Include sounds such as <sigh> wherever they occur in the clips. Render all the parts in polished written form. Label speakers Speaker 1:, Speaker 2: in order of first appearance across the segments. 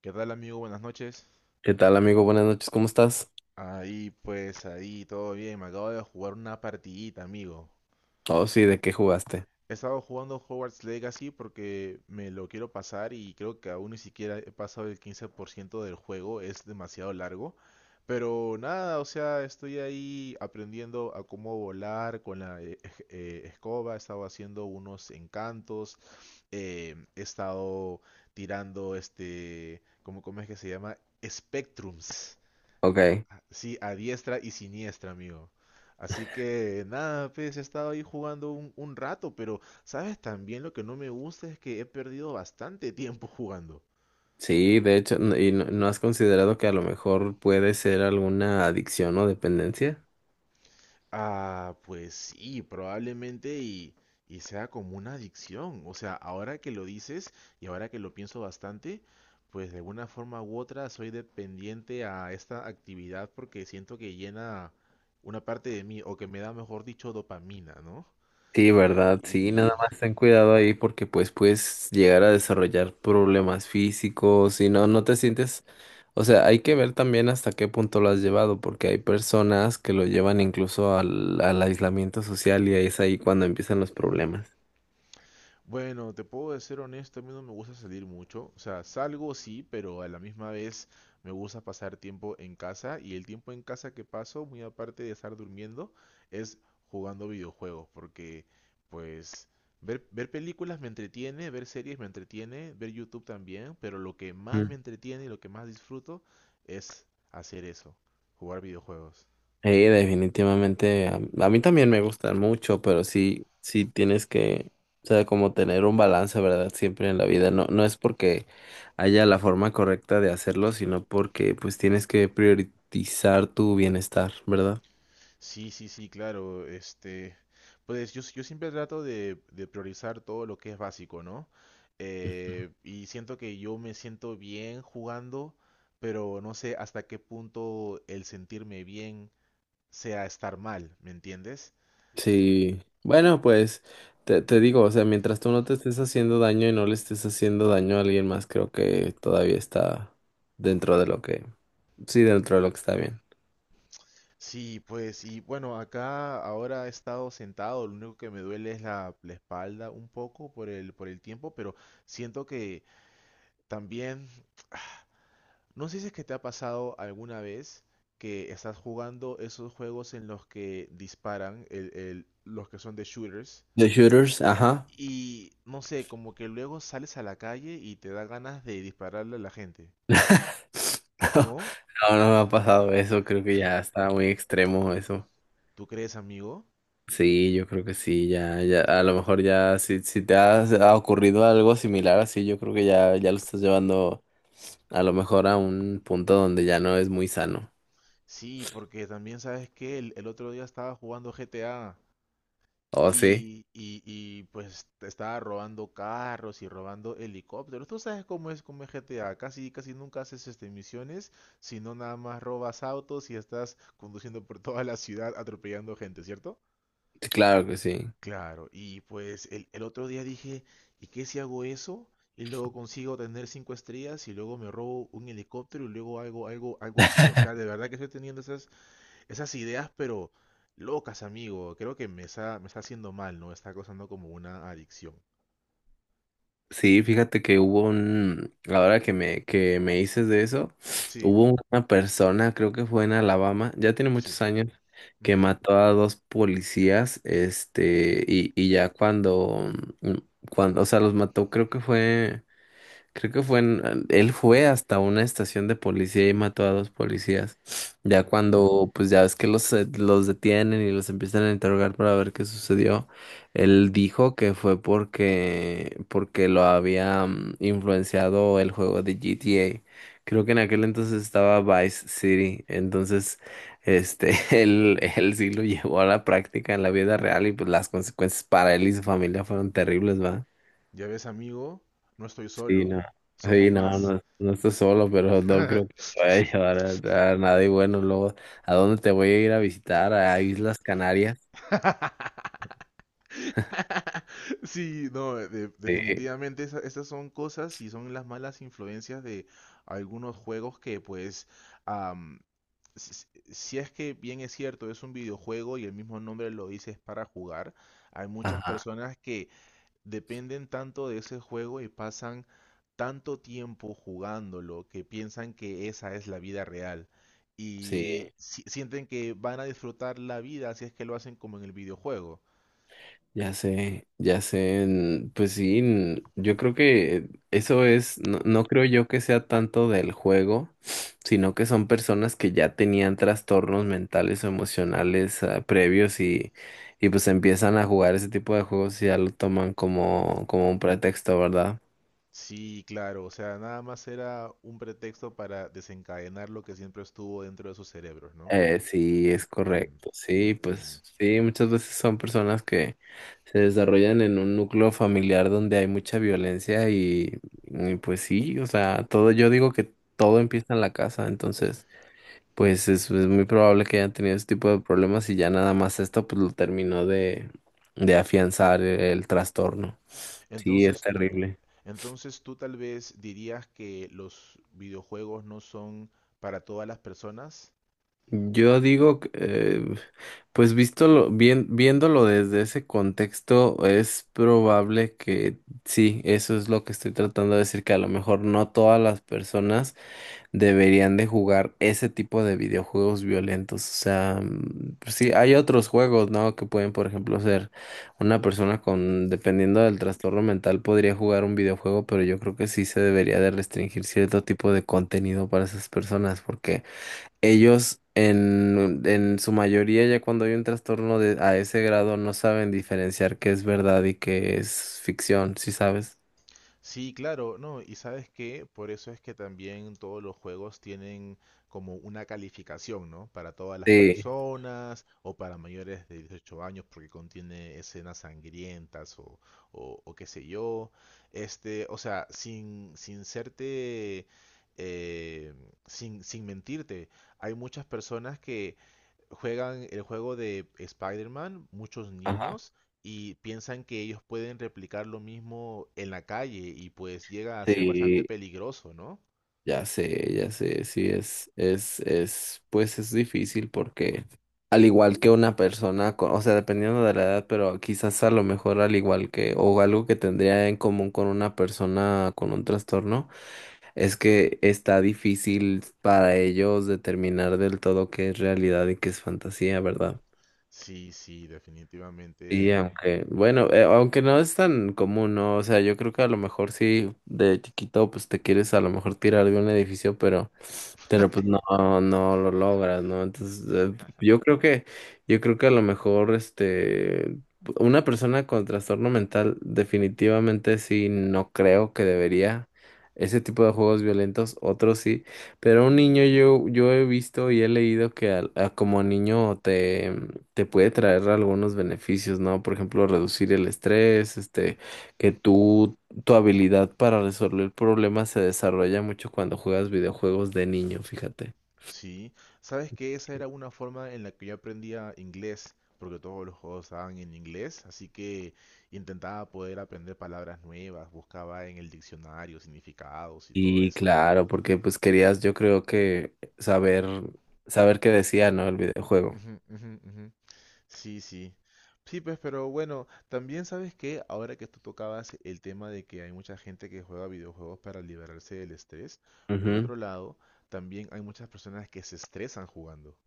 Speaker 1: ¿Qué tal amigo? Buenas noches.
Speaker 2: ¿Qué tal, amigo? Buenas noches, ¿cómo estás?
Speaker 1: Ahí pues, ahí todo bien. Me acabo de jugar una partidita, amigo.
Speaker 2: Oh, sí, ¿de qué jugaste?
Speaker 1: He estado jugando Hogwarts Legacy porque me lo quiero pasar y creo que aún ni siquiera he pasado el 15% del juego. Es demasiado largo. Pero nada, o sea, estoy ahí aprendiendo a cómo volar con la escoba. He estado haciendo unos encantos. He estado tirando este, ¿cómo es que se llama? Spectrums.
Speaker 2: Ok,
Speaker 1: Ah, sí, a diestra y siniestra, amigo. Así que nada, pues he estado ahí jugando un rato, pero sabes también lo que no me gusta es que he perdido bastante tiempo jugando.
Speaker 2: sí, de hecho, ¿y no has considerado que a lo mejor puede ser alguna adicción o dependencia?
Speaker 1: Ah, pues sí, probablemente y sea como una adicción. O sea, ahora que lo dices y ahora que lo pienso bastante, pues de alguna forma u otra soy dependiente a esta actividad porque siento que llena una parte de mí o que me da, mejor dicho, dopamina, ¿no?
Speaker 2: Sí, ¿verdad? Sí, nada
Speaker 1: Y
Speaker 2: más ten cuidado ahí porque pues puedes llegar a desarrollar problemas físicos y no te sientes, o sea, hay que ver también hasta qué punto lo has llevado porque hay personas que lo llevan incluso al aislamiento social y es ahí cuando empiezan los problemas.
Speaker 1: bueno, te puedo ser honesto, a mí no me gusta salir mucho. O sea, salgo sí, pero a la misma vez me gusta pasar tiempo en casa. Y el tiempo en casa que paso, muy aparte de estar durmiendo, es jugando videojuegos. Porque, pues, ver películas me entretiene, ver series me entretiene, ver YouTube también. Pero lo que más me entretiene y lo que más disfruto es hacer eso, jugar videojuegos.
Speaker 2: Sí, definitivamente. A mí también me gustan mucho, pero sí, sí tienes que, o sea, como tener un balance, ¿verdad? Siempre en la vida. No, no es porque haya la forma correcta de hacerlo, sino porque pues tienes que priorizar tu bienestar, ¿verdad?
Speaker 1: Sí, sí, sí, claro. Este, pues yo siempre trato de priorizar todo lo que es básico, ¿no? Y siento que yo me siento bien jugando, pero no sé hasta qué punto el sentirme bien sea estar mal, ¿me entiendes?
Speaker 2: Sí. Bueno, pues te digo, o sea, mientras tú no te estés haciendo daño y no le estés haciendo daño a alguien más, creo que todavía está dentro de lo que, sí, dentro de lo que está bien.
Speaker 1: Sí, pues, y bueno, acá ahora he estado sentado, lo único que me duele es la espalda un poco por el tiempo, pero siento que también no sé si es que te ha pasado alguna vez que estás jugando esos juegos en los que disparan, los que son de shooters,
Speaker 2: The shooters, ajá.
Speaker 1: y no sé, como que luego sales a la calle y te da ganas de dispararle a la gente.
Speaker 2: <laughs>
Speaker 1: ¿No?
Speaker 2: No, no me ha pasado eso, creo que ya está muy extremo eso.
Speaker 1: ¿Tú crees, amigo?
Speaker 2: Sí, yo creo que sí, ya, ya, a lo mejor ya, si, si ha ocurrido algo similar así, yo creo que ya, ya lo estás llevando a lo mejor a un punto donde ya no es muy sano.
Speaker 1: Sí, porque también sabes que el otro día estaba jugando GTA.
Speaker 2: Oh, sí,
Speaker 1: Pues te estaba robando carros y robando helicópteros. Tú sabes cómo es como GTA. Casi nunca haces este, misiones, sino nada más robas autos y estás conduciendo por <laughs> toda la ciudad atropellando gente, ¿cierto?
Speaker 2: sí, claro que sí.
Speaker 1: Claro, y pues el otro día dije, ¿y qué si hago eso? Y luego consigo tener cinco estrellas y luego me robo un helicóptero y luego algo así. O sea, de verdad que estoy teniendo esas, esas ideas, pero locas, amigo. Creo que me está haciendo mal, ¿no? Está causando como una adicción.
Speaker 2: Sí, fíjate que hubo un, ahora que que me dices de eso,
Speaker 1: Sí,
Speaker 2: hubo una persona, creo que fue en Alabama, ya tiene
Speaker 1: sí.
Speaker 2: muchos años, que
Speaker 1: Ujú,
Speaker 2: mató a dos policías, este, y ya cuando, mm, cuando, o sea, los mató, creo que fue. Creo que fue él fue hasta una estación de policía y mató a dos policías. Ya
Speaker 1: ujú.
Speaker 2: cuando, pues ya ves que los detienen y los empiezan a interrogar para ver qué sucedió, él dijo que fue porque lo había influenciado el juego de GTA. Creo que en aquel entonces estaba Vice City, entonces este, <laughs> él sí lo llevó a la práctica en la vida real y pues las consecuencias para él y su familia fueron terribles, va.
Speaker 1: Ya ves, amigo, no estoy
Speaker 2: Sí,
Speaker 1: solo.
Speaker 2: no.
Speaker 1: Somos
Speaker 2: Sí, no,
Speaker 1: más.
Speaker 2: no, no estoy solo, pero no creo que
Speaker 1: <laughs>
Speaker 2: te vaya a llevar a nada. Y bueno, luego, ¿a dónde te voy a ir a visitar? ¿A Islas Canarias?
Speaker 1: <laughs> Sí, no,
Speaker 2: Sí.
Speaker 1: definitivamente esas son cosas y son las malas influencias de algunos juegos que pues, am, si, si es que bien es cierto, es un videojuego y el mismo nombre lo dice es para jugar, hay muchas
Speaker 2: Ajá,
Speaker 1: personas que dependen tanto de ese juego y pasan tanto tiempo jugándolo que piensan que esa es la vida real. Y
Speaker 2: sí,
Speaker 1: sienten que van a disfrutar la vida si es que lo hacen como en el videojuego.
Speaker 2: ya sé, ya sé. Pues sí, yo creo que eso es, no, no creo yo que sea tanto del juego, sino que son personas que ya tenían trastornos mentales o emocionales, ah, previos y... Y pues empiezan a jugar ese tipo de juegos y ya lo toman como, como un pretexto, ¿verdad?
Speaker 1: Sí, claro, o sea, nada más era un pretexto para desencadenar lo que siempre estuvo dentro de sus cerebros, ¿no?
Speaker 2: Sí, es
Speaker 1: Mm,
Speaker 2: correcto. Sí,
Speaker 1: mm.
Speaker 2: pues sí, muchas veces son personas que se desarrollan en un núcleo familiar donde hay mucha violencia y pues sí, o sea, todo, yo digo que todo empieza en la casa, entonces pues es muy probable que hayan tenido ese tipo de problemas y ya nada más esto pues lo terminó de afianzar el trastorno. Sí, es
Speaker 1: Entonces,
Speaker 2: terrible.
Speaker 1: entonces tú tal vez dirías que los videojuegos no son para todas las personas.
Speaker 2: Yo digo, que, pues bien, viéndolo desde ese contexto, es probable que sí, eso es lo que estoy tratando de decir, que a lo mejor no todas las personas deberían de jugar ese tipo de videojuegos violentos. O sea, mm, pues sí, hay otros juegos, ¿no? Que pueden, por ejemplo, ser una persona con, dependiendo del trastorno mental, podría jugar un videojuego, pero yo creo que sí se debería de restringir cierto tipo de contenido para esas personas, porque ellos en su mayoría ya cuando hay un trastorno de, a ese grado no saben diferenciar qué es verdad y qué es ficción, ¿sí sabes?
Speaker 1: Sí, claro, no, y sabes que por eso es que también todos los juegos tienen como una calificación, ¿no? Para todas las
Speaker 2: Sí.
Speaker 1: personas o para mayores de 18 años porque contiene escenas sangrientas o qué sé yo. Este, o sea, sin serte, eh, sin mentirte, hay muchas personas que juegan el juego de Spider-Man, muchos
Speaker 2: Ajá,
Speaker 1: niños, y piensan que ellos pueden replicar lo mismo en la calle y pues llega a ser bastante
Speaker 2: sí,
Speaker 1: peligroso, ¿no?
Speaker 2: ya sé, sí es, pues es difícil porque al igual que una persona, o sea, dependiendo de la edad, pero quizás a lo mejor al igual que, o algo que tendría en común con una persona con un trastorno. Es que está difícil para ellos determinar del todo qué es realidad y qué es fantasía, ¿verdad?
Speaker 1: Sí, sí,
Speaker 2: Y
Speaker 1: definitivamente.
Speaker 2: aunque, bueno, aunque no es tan común, ¿no? O sea, yo creo que a lo mejor sí, de chiquito, pues te quieres a lo mejor tirar de un edificio, pero pues
Speaker 1: <laughs>
Speaker 2: no, no lo logras, ¿no? Entonces, yo creo que, yo creo que a lo mejor, este, una persona con trastorno mental definitivamente sí, no creo que debería ese tipo de juegos violentos, otros sí, pero un niño yo, yo he visto y he leído que a como niño te puede traer algunos beneficios, ¿no? Por ejemplo, reducir el estrés, este, que tú tu habilidad para resolver problemas se desarrolla mucho cuando juegas videojuegos de niño, fíjate.
Speaker 1: Sí. ¿Sabes que esa era una forma en la que yo aprendía inglés, porque todos los juegos estaban en inglés, así que intentaba poder aprender palabras nuevas, buscaba en el diccionario significados y todo
Speaker 2: Y
Speaker 1: eso.
Speaker 2: claro, porque pues querías, yo creo que saber, saber qué decía, ¿no? El videojuego.
Speaker 1: Ujú, ujú, ujú. Sí, sí. Sí, pues, pero bueno, también sabes que ahora que tú tocabas el tema de que hay mucha gente que juega videojuegos para liberarse del estrés, por
Speaker 2: Ujú.
Speaker 1: otro lado, también hay muchas personas que se estresan jugando.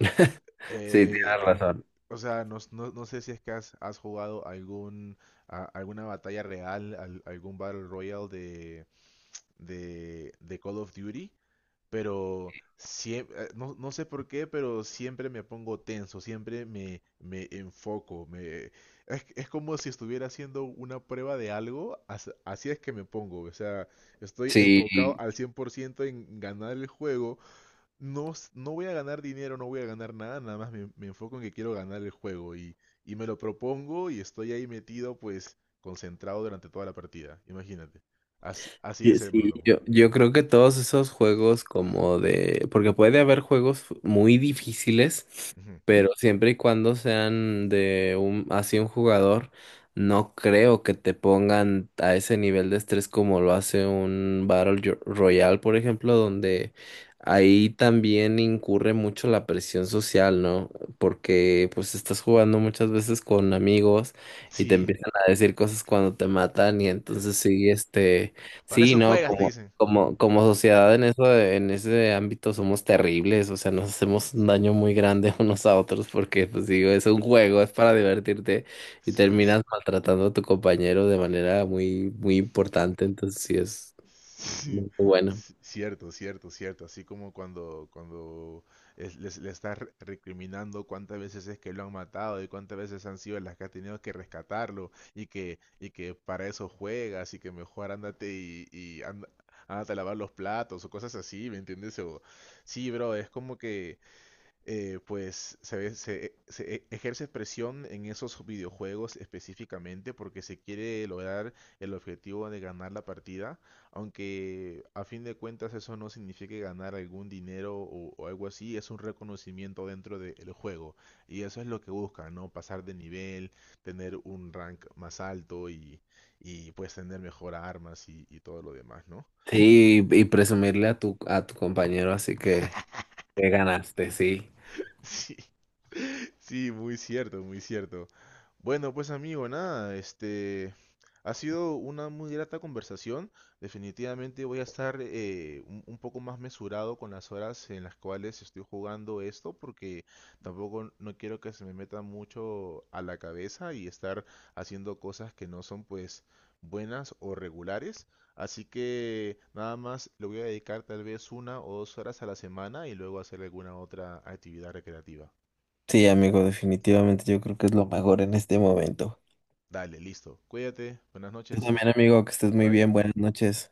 Speaker 2: <laughs> Sí,
Speaker 1: Eh,
Speaker 2: tienes razón.
Speaker 1: o sea, no, no sé si es que has, has jugado alguna batalla real, algún Battle Royale de Call of Duty, pero siempre, no, no sé por qué, pero siempre me pongo tenso, siempre me, me enfoco, me, es como si estuviera haciendo una prueba de algo, así es que me pongo, o sea, estoy enfocado
Speaker 2: Sí,
Speaker 1: al 100% en ganar el juego, no, no voy a ganar dinero, no voy a ganar nada, nada más me, me enfoco en que quiero ganar el juego y me lo propongo y estoy ahí metido, pues, concentrado durante toda la partida, imagínate. Así, así es, me lo
Speaker 2: Sí,
Speaker 1: tomo.
Speaker 2: yo creo que todos esos juegos como de, porque puede haber juegos muy difíciles,
Speaker 1: Ujú.
Speaker 2: pero siempre y cuando sean de un, así un jugador, no creo que te pongan a ese nivel de estrés como lo hace un Royale, por ejemplo, donde ahí también incurre mucho la presión social, ¿no? Porque pues estás jugando muchas veces con amigos y te
Speaker 1: Sí.
Speaker 2: empiezan a decir cosas cuando te matan y entonces sí, este...
Speaker 1: Para
Speaker 2: Sí,
Speaker 1: eso
Speaker 2: no,
Speaker 1: juegas, te dicen.
Speaker 2: como, como sociedad en eso, en ese ámbito somos terribles, o sea, nos hacemos un daño muy grande <laughs> unos a otros porque, pues digo, es un juego, es para divertirte y
Speaker 1: Sí. <laughs>
Speaker 2: terminas maltratando a tu compañero de manera muy, muy importante, entonces sí es
Speaker 1: Sí.
Speaker 2: muy bueno.
Speaker 1: C- Cierto, cierto, cierto. Así como cuando, cuando le estás recriminando cuántas veces es que lo han matado y cuántas veces han sido las que has tenido que rescatarlo y que para eso juegas y que mejor ándate y ándate a lavar los platos o cosas así, ¿me entiendes? O, sí, bro, es como que pues se ejerce presión en esos videojuegos específicamente porque se quiere lograr el objetivo de ganar la partida, aunque a fin de cuentas eso no signifique ganar algún dinero o algo así, es un reconocimiento dentro del juego y eso es lo que buscan, ¿no? Pasar de nivel, tener un rank más alto y pues tener mejor armas y todo lo demás, ¿no?
Speaker 2: Sí, y presumirle a tu compañero, así que ganaste, sí.
Speaker 1: Sí, <laughs> sí, muy cierto, muy cierto. Bueno, pues amigo, nada, este ha sido una muy grata conversación. Definitivamente voy a estar un poco más mesurado con las horas en las cuales estoy jugando esto, porque tampoco no quiero que se me meta mucho a la cabeza y estar haciendo cosas que no son pues buenas o regulares. Así que nada más le voy a dedicar tal vez una o dos horas a la semana y luego hacer alguna otra actividad recreativa.
Speaker 2: Sí, amigo, definitivamente yo creo que es lo mejor en este momento.
Speaker 1: Dale, listo. Cuídate. Buenas
Speaker 2: Tú
Speaker 1: noches.
Speaker 2: también, amigo, que estés muy
Speaker 1: Bye.
Speaker 2: bien, buenas noches.